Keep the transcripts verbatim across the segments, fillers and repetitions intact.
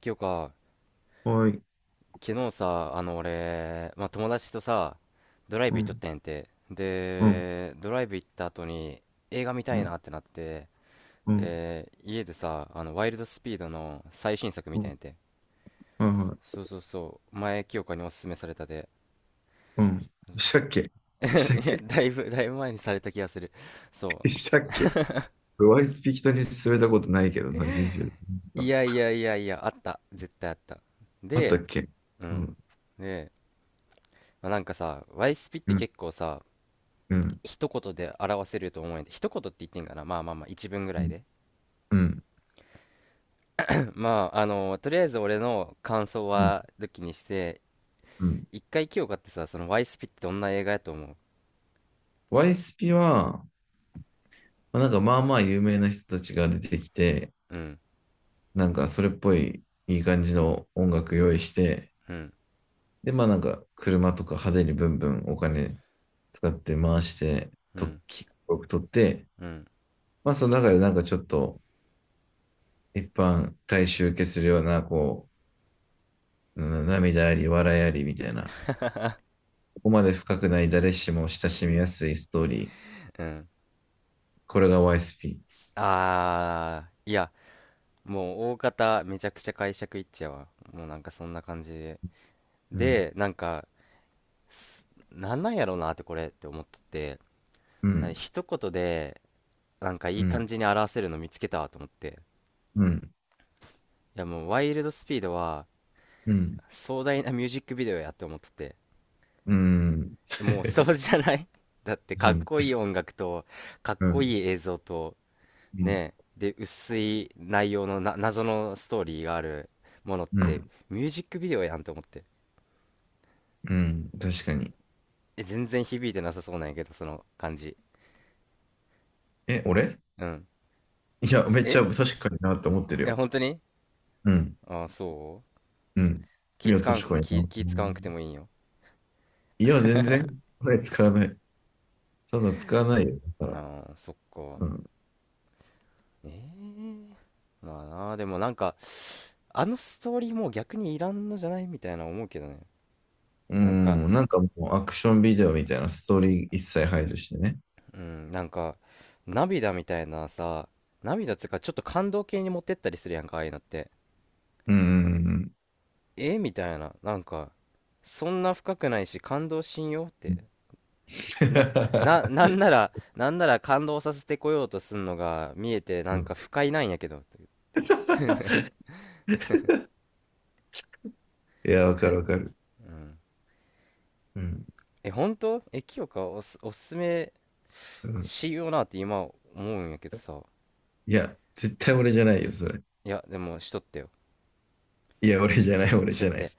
今日か、はい。昨日さ、あの俺、まあ、友達とさ、ドライうブ行っとっん。たんやんて。うん。で、ドライブ行った後に映画見たういなん。ってなって、うん。で、家でさ、あの、ワイルドスピードの最新作見うたんん。やんて。はいはい。そうそうそう、前清かにおすすめされたで。うん。したっけ。したっ いや、け。だいぶ、だいぶ前にされた気がする。そしたっけ。ワイスピ人に勧めたことないけどな、人生で。う。いあ、やいやいやいや、あった。絶対あった。あったで、っけ。ううん。ん。で、まあ、なんかさ、ワイスピっうてん。結構さ、うん。一言で表せると思うんで、一言って言ってんかな、まあまあまあ一文ぐうらいん。で。 うん。まああのとりあえず俺の感想うん。は抜きにして、うん。一回清香ってさ、そのワイスピってどんな映画やと思う？ワイスピは、まあなんかまあまあ有名な人たちが出てきて、うん、なんかそれっぽいいい感じの音楽用意して、うん、で、まあなんか車とか派手にブンブンお金使って回して、うと、ん、き、撮って、うん、まあ、その中でなんかちょっと、一般大衆受けするような、こう、うん、涙あり、笑いありみたいな、ここまで深くない誰しも親しみやすいストーリー。うん。これが ワイエスピー。あー、いや、もう大方めちゃくちゃ解釈いっちゃうわ、もうなんかそんな感じで。うん、でなんかすなんなんやろうなってこれって思っとって、うあ、ん、一言でなんかいういん、感じに表せるの見つけたわと思って、うん、いや、もうワイルドスピードはうん、うん。壮大なミュージックビデオやって思っとって、うん、うん、もうそうじゃない？ だって、かうっん、こいい音楽とかっこいい映像と、ねで薄い内容のな謎のストーリーがあるものっうて、ん、ミュージックビデオやんと思って。うん、確かに。え、全然響いてなさそうなんやけどその感じ。え、俺うん。いや、めっちえゃ確かになって思ってるえ、よ。本当に？うん、ああー、そう。うん。い気や、使わん、確かに気、な。気使わんくてもいいんよ。いや、全然、これ使わない。そんな使わないよ。だから。ああ、そっか。うん。ええ。まあなでもなんか、あのストーリーもう逆にいらんのじゃないみたいな思うけどね。うなんか、ん、なんかもうアクションビデオみたいなストーリー一切排除してね。うん、なんか、涙みたいなさ、涙つうかちょっと感動系に持ってったりするやんか、ああいうのって。うん、うん、えみたいな、なんか、そんな深くないし感動しんよっうん。て。な、な、なんなら、なんなら感動させてこようとすんのが見えてなうんかん、不快なんやけど。いや、わかるわかる。うん。うん、え、本当？え、清香、おす、おすすめうん。しようなって今思うんやけどさ。いや、絶対俺じゃないよ、それ。いや、でもしとってよ、いや、俺じゃない、俺だじっゃない。て。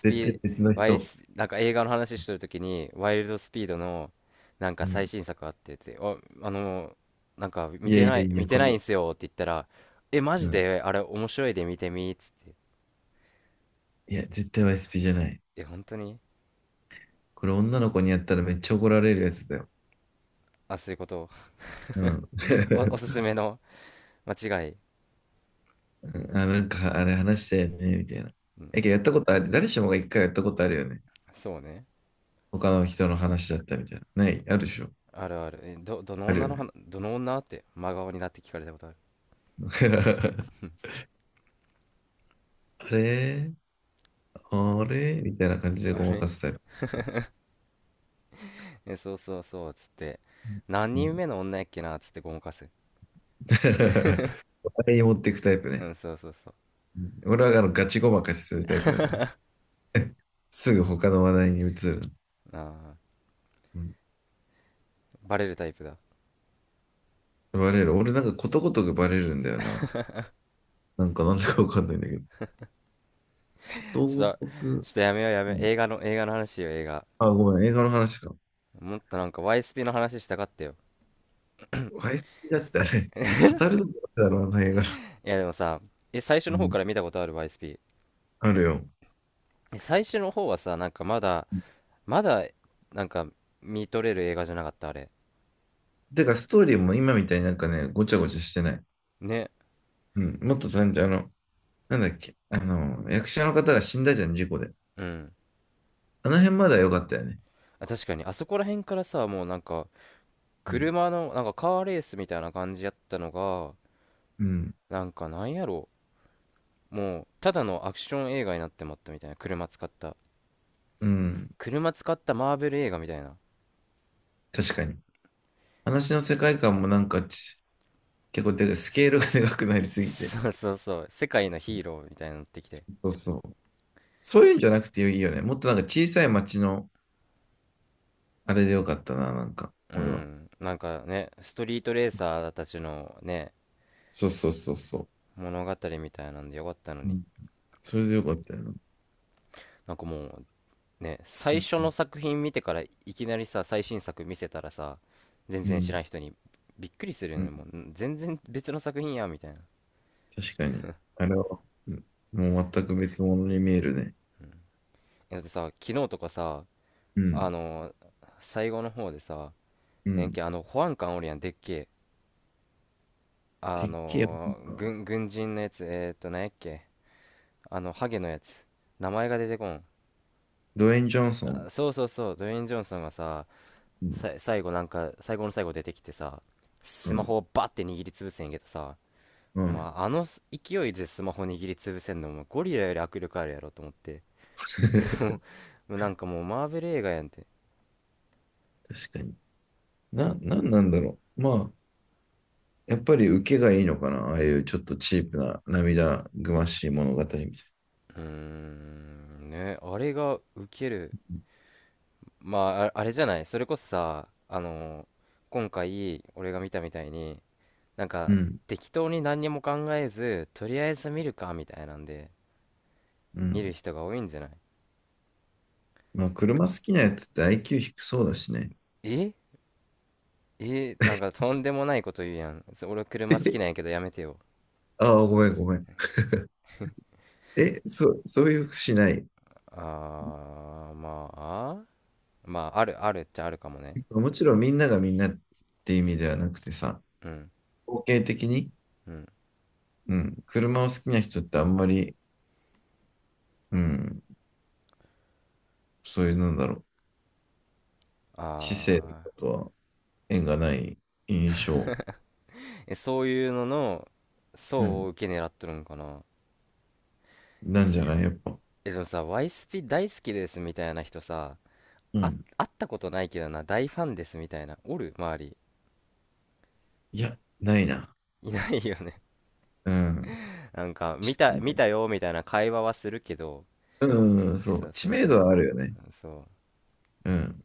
絶対 別の ワイエス、ワイエ人。スピー、なんか映画の話してるときに、ワイルドスピードの、なんかうん。最新作あってって、あ、あの、なんか見いやていなやい、い見や、てこれ。ないんすよって言ったら、え、マうジん。であれ面白いで見てみっつって。いや、絶対 ワイエスピー じゃない。え、本当に？これ女の子にやったらめっちゃ怒られるやつだよ。あ、そういうこと。うん。お、おすす めの間違い。あ、なんかあれ話したよね、みたいな。うん、え、けどやったことある。誰しもが一回やったことあるよね。そうね。他の人の話だったみたいな。ない、あるでしょ。あるある。え、ど、どのある女のよね。話、どの女って真顔になって聞かれたことある。あれ、あれみたいな感じであごまれ、かすタイプ。え、そうそうそう、つって。何う人ん。目の女やっけな、つってごまかす。他に持っていくタイプうね。ん、そうそうそう。うん、俺はあのガチごまかしするタイプだから。すぐ他の話題に移る。ああ。うん、バレるタイプだ。バレる。俺なんかことごとくバレるんだよな。なんかなんだかわかんないんだけど。ことちごょっと、とく。ちょっとやめようやめうよう。ん、映画の、映画の話よ、映画。あ、ごめん、映画の話か。もっとなんか ワイエスピー の話したかったよ。ワイスピだってうあわ、れ、語るのだろうな、映画。いやでもさ、え、最初うの方かん、ら見たことある ワイエスピー。あるよ。え、最初の方はさ、なんかまだ、まだ、なんか見とれる映画じゃなかった、あれ。だからストーリーも今みたいになんかね、ごちゃごちゃしてない。ね。うん、もっと単純、あの、なんだっけ、あの、役者の方が死んだじゃん、事故で。うん。あの辺まだ良かったよね。あ、確かに、あそこら辺からさ、もうなんか、うん、車の、なんかカーレースみたいな感じやったのが、うん、なんかなんやろう。もう、ただのアクション映画になってまったみたいな。車使った。うん、車使ったマーベル映画みたいな。確かに。話の世界観もなんかち、結構でかスケールがでかくなりすぎて。そう、 そうそう。世界のヒーローみたいになってきて。そうそう。そういうんじゃなくていいよね。もっとなんか小さい町のあれでよかったな、なんか、う俺は。ん。なんかね、ストリートレーサーたちのね、そうそうそうそう。物語みたいなんでよかったのうに。ん、それでよかったよな。なんかもうね、う最ん、初うのん、作品見てからいきなりさ、最新作見せたらさ、全う然知ん。らん人に、びっくりするようね。ん、もう、ん、全然別の作品や、みたいな。確かに。あれは、うん、もう全く別物に見えるね。だってさ、昨日とかさ、うあん。の最後の方でさ、うねんん。け、あの、保安官おるやん、でっけえ。あてっきり、の軍、軍人のやつ、えーっと、なんやっけ。あの、ハゲのやつ。名前が出てこん。ドウェイン・ジョンソン。あ、そうそうそう、ドウェイン・ジョンソンがさ、うん。さ、最後なんか、最後の最後出てきてさ、うスマん。ホをバッて握りつぶせんけどさ、うん。まああの勢いでスマホ握りつぶせんのもゴリラより握力あるやろと思って。もうなんかもうマーベル映画やんって。確かに。な、なんなんだろう。まあ、やっぱり受けがいいのかな。ああいうちょっとチープな涙ぐましい物語みたいうーん、ね、あれがウケる。まあ、あ、あれじゃない。それこそさ、あの今回俺が見たみたいに、なんな。うかん。適当に何にも考えずとりあえず見るかみたいなんでう見るん。人が多いんじゃない？まあ、車好きなやつって アイキュー 低そうだしね。ええ、なんかとんでもないこと言うやん、そ、俺 車好きえなんやけどやめてよ。ああ、ごめん、ごめん。え、そう、そういうふうしない。あー、まあまああるあるっちゃあるかもね。もちろんみんながみんなって意味ではなくてさ、うん、統計的に。うん、うん。車を好きな人ってあんまり、うん、そういう、なんだろう、あ知性とかー。とは縁がない印象、え、そういうののう層をん、受け狙っとるんかな。なんじゃないやっぱ。え、でもさ、ワイスピ大好きですみたいな人さ、うあ、ん。会ったことないけどな、大ファンですみたいなおる、周り？いや、ないな。いないよね。うん。なんか見確かた、にな見い。たよみたいな会話はするけど、うん、そそう。うそ知う名そう、度はあるよね。そう、そう。うん。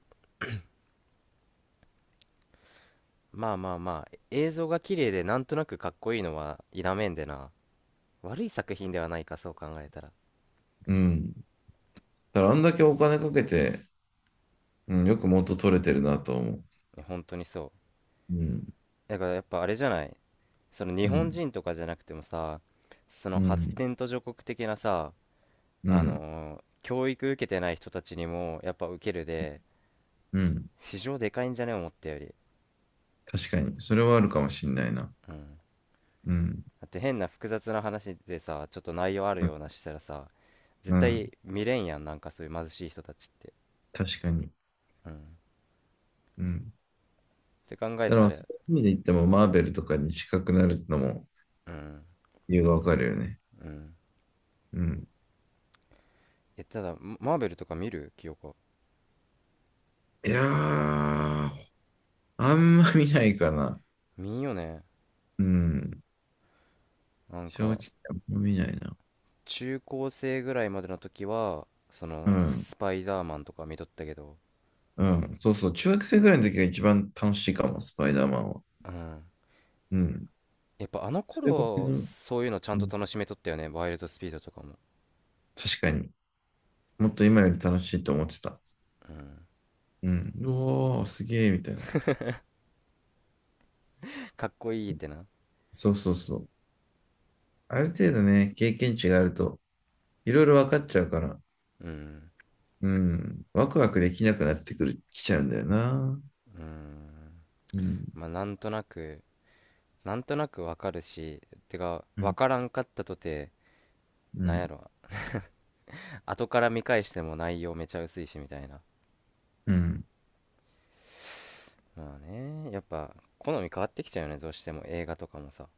まあまあまあ、映像が綺麗でなんとなくかっこいいのは否めんでな。悪い作品ではないか、そう考えたら。いうん。だからあんだけお金かけて、うん、よく元取れてるなと思う。や本当にそうん。う。だからやっぱあれじゃない。その日う本ん。人とかじゃなくてもさ、そのう発ん。展途上国的なさ、うあん。のー教育受けてない人たちにもやっぱ受けるで、うん。市場でかいんじゃね、思ったより。確かに。それはあるかもしんないな。うん。うん。だって変な複雑な話でさ、ちょっと内容あるうん。ようなしたらさ、う絶ん、対見れんやん、なんかそういう貧しい人たちって。確かに。うんっうん。て考えだかたら、そら。ういう意味で言っても、マーベルとかに近くなるのもうん、理由がわかるよね。うん。うん。え、ただマ、マーベルとか見る清子？いやー、あんま見ないかな。見んよね。うん。なん正か直、あんま見ないな。中高生ぐらいまでの時はそうのん。スパイダーマンとか見とったけど。うん。そうそう。中学生ぐらいの時が一番楽しいかも、スパイダーマンは。うん。うん。やっぱあのそれぐらい頃の、そういうのちゃうんとん。楽しめとったよね、ワイルドスピードとかも。確かに。もっと今より楽しいと思ってた。うん。うん。うおー、すげー、みたいな。かっこいいってな。そうそうそう。ある程度ね、経験値があると、いろいろ分かっちゃうから、うん、うん。ワクワクできなくなってくる、きちゃうんだよな。うん。うん。まあなんとなく、なんとなくわかるし、てか、うわん。からんかったとて、うなんやん。ろ、後から見返しても内容めちゃ薄いしみたいな。うん。まあね、やっぱ、好み変わってきちゃうよね、どうしても映画とかもさ。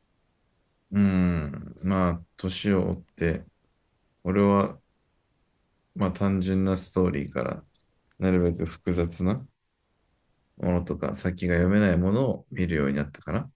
うん、まあ、年を追って、俺は、まあ、単純なストーリーから、なるべく複雑なものとか、先が読めないものを見るようになったかな。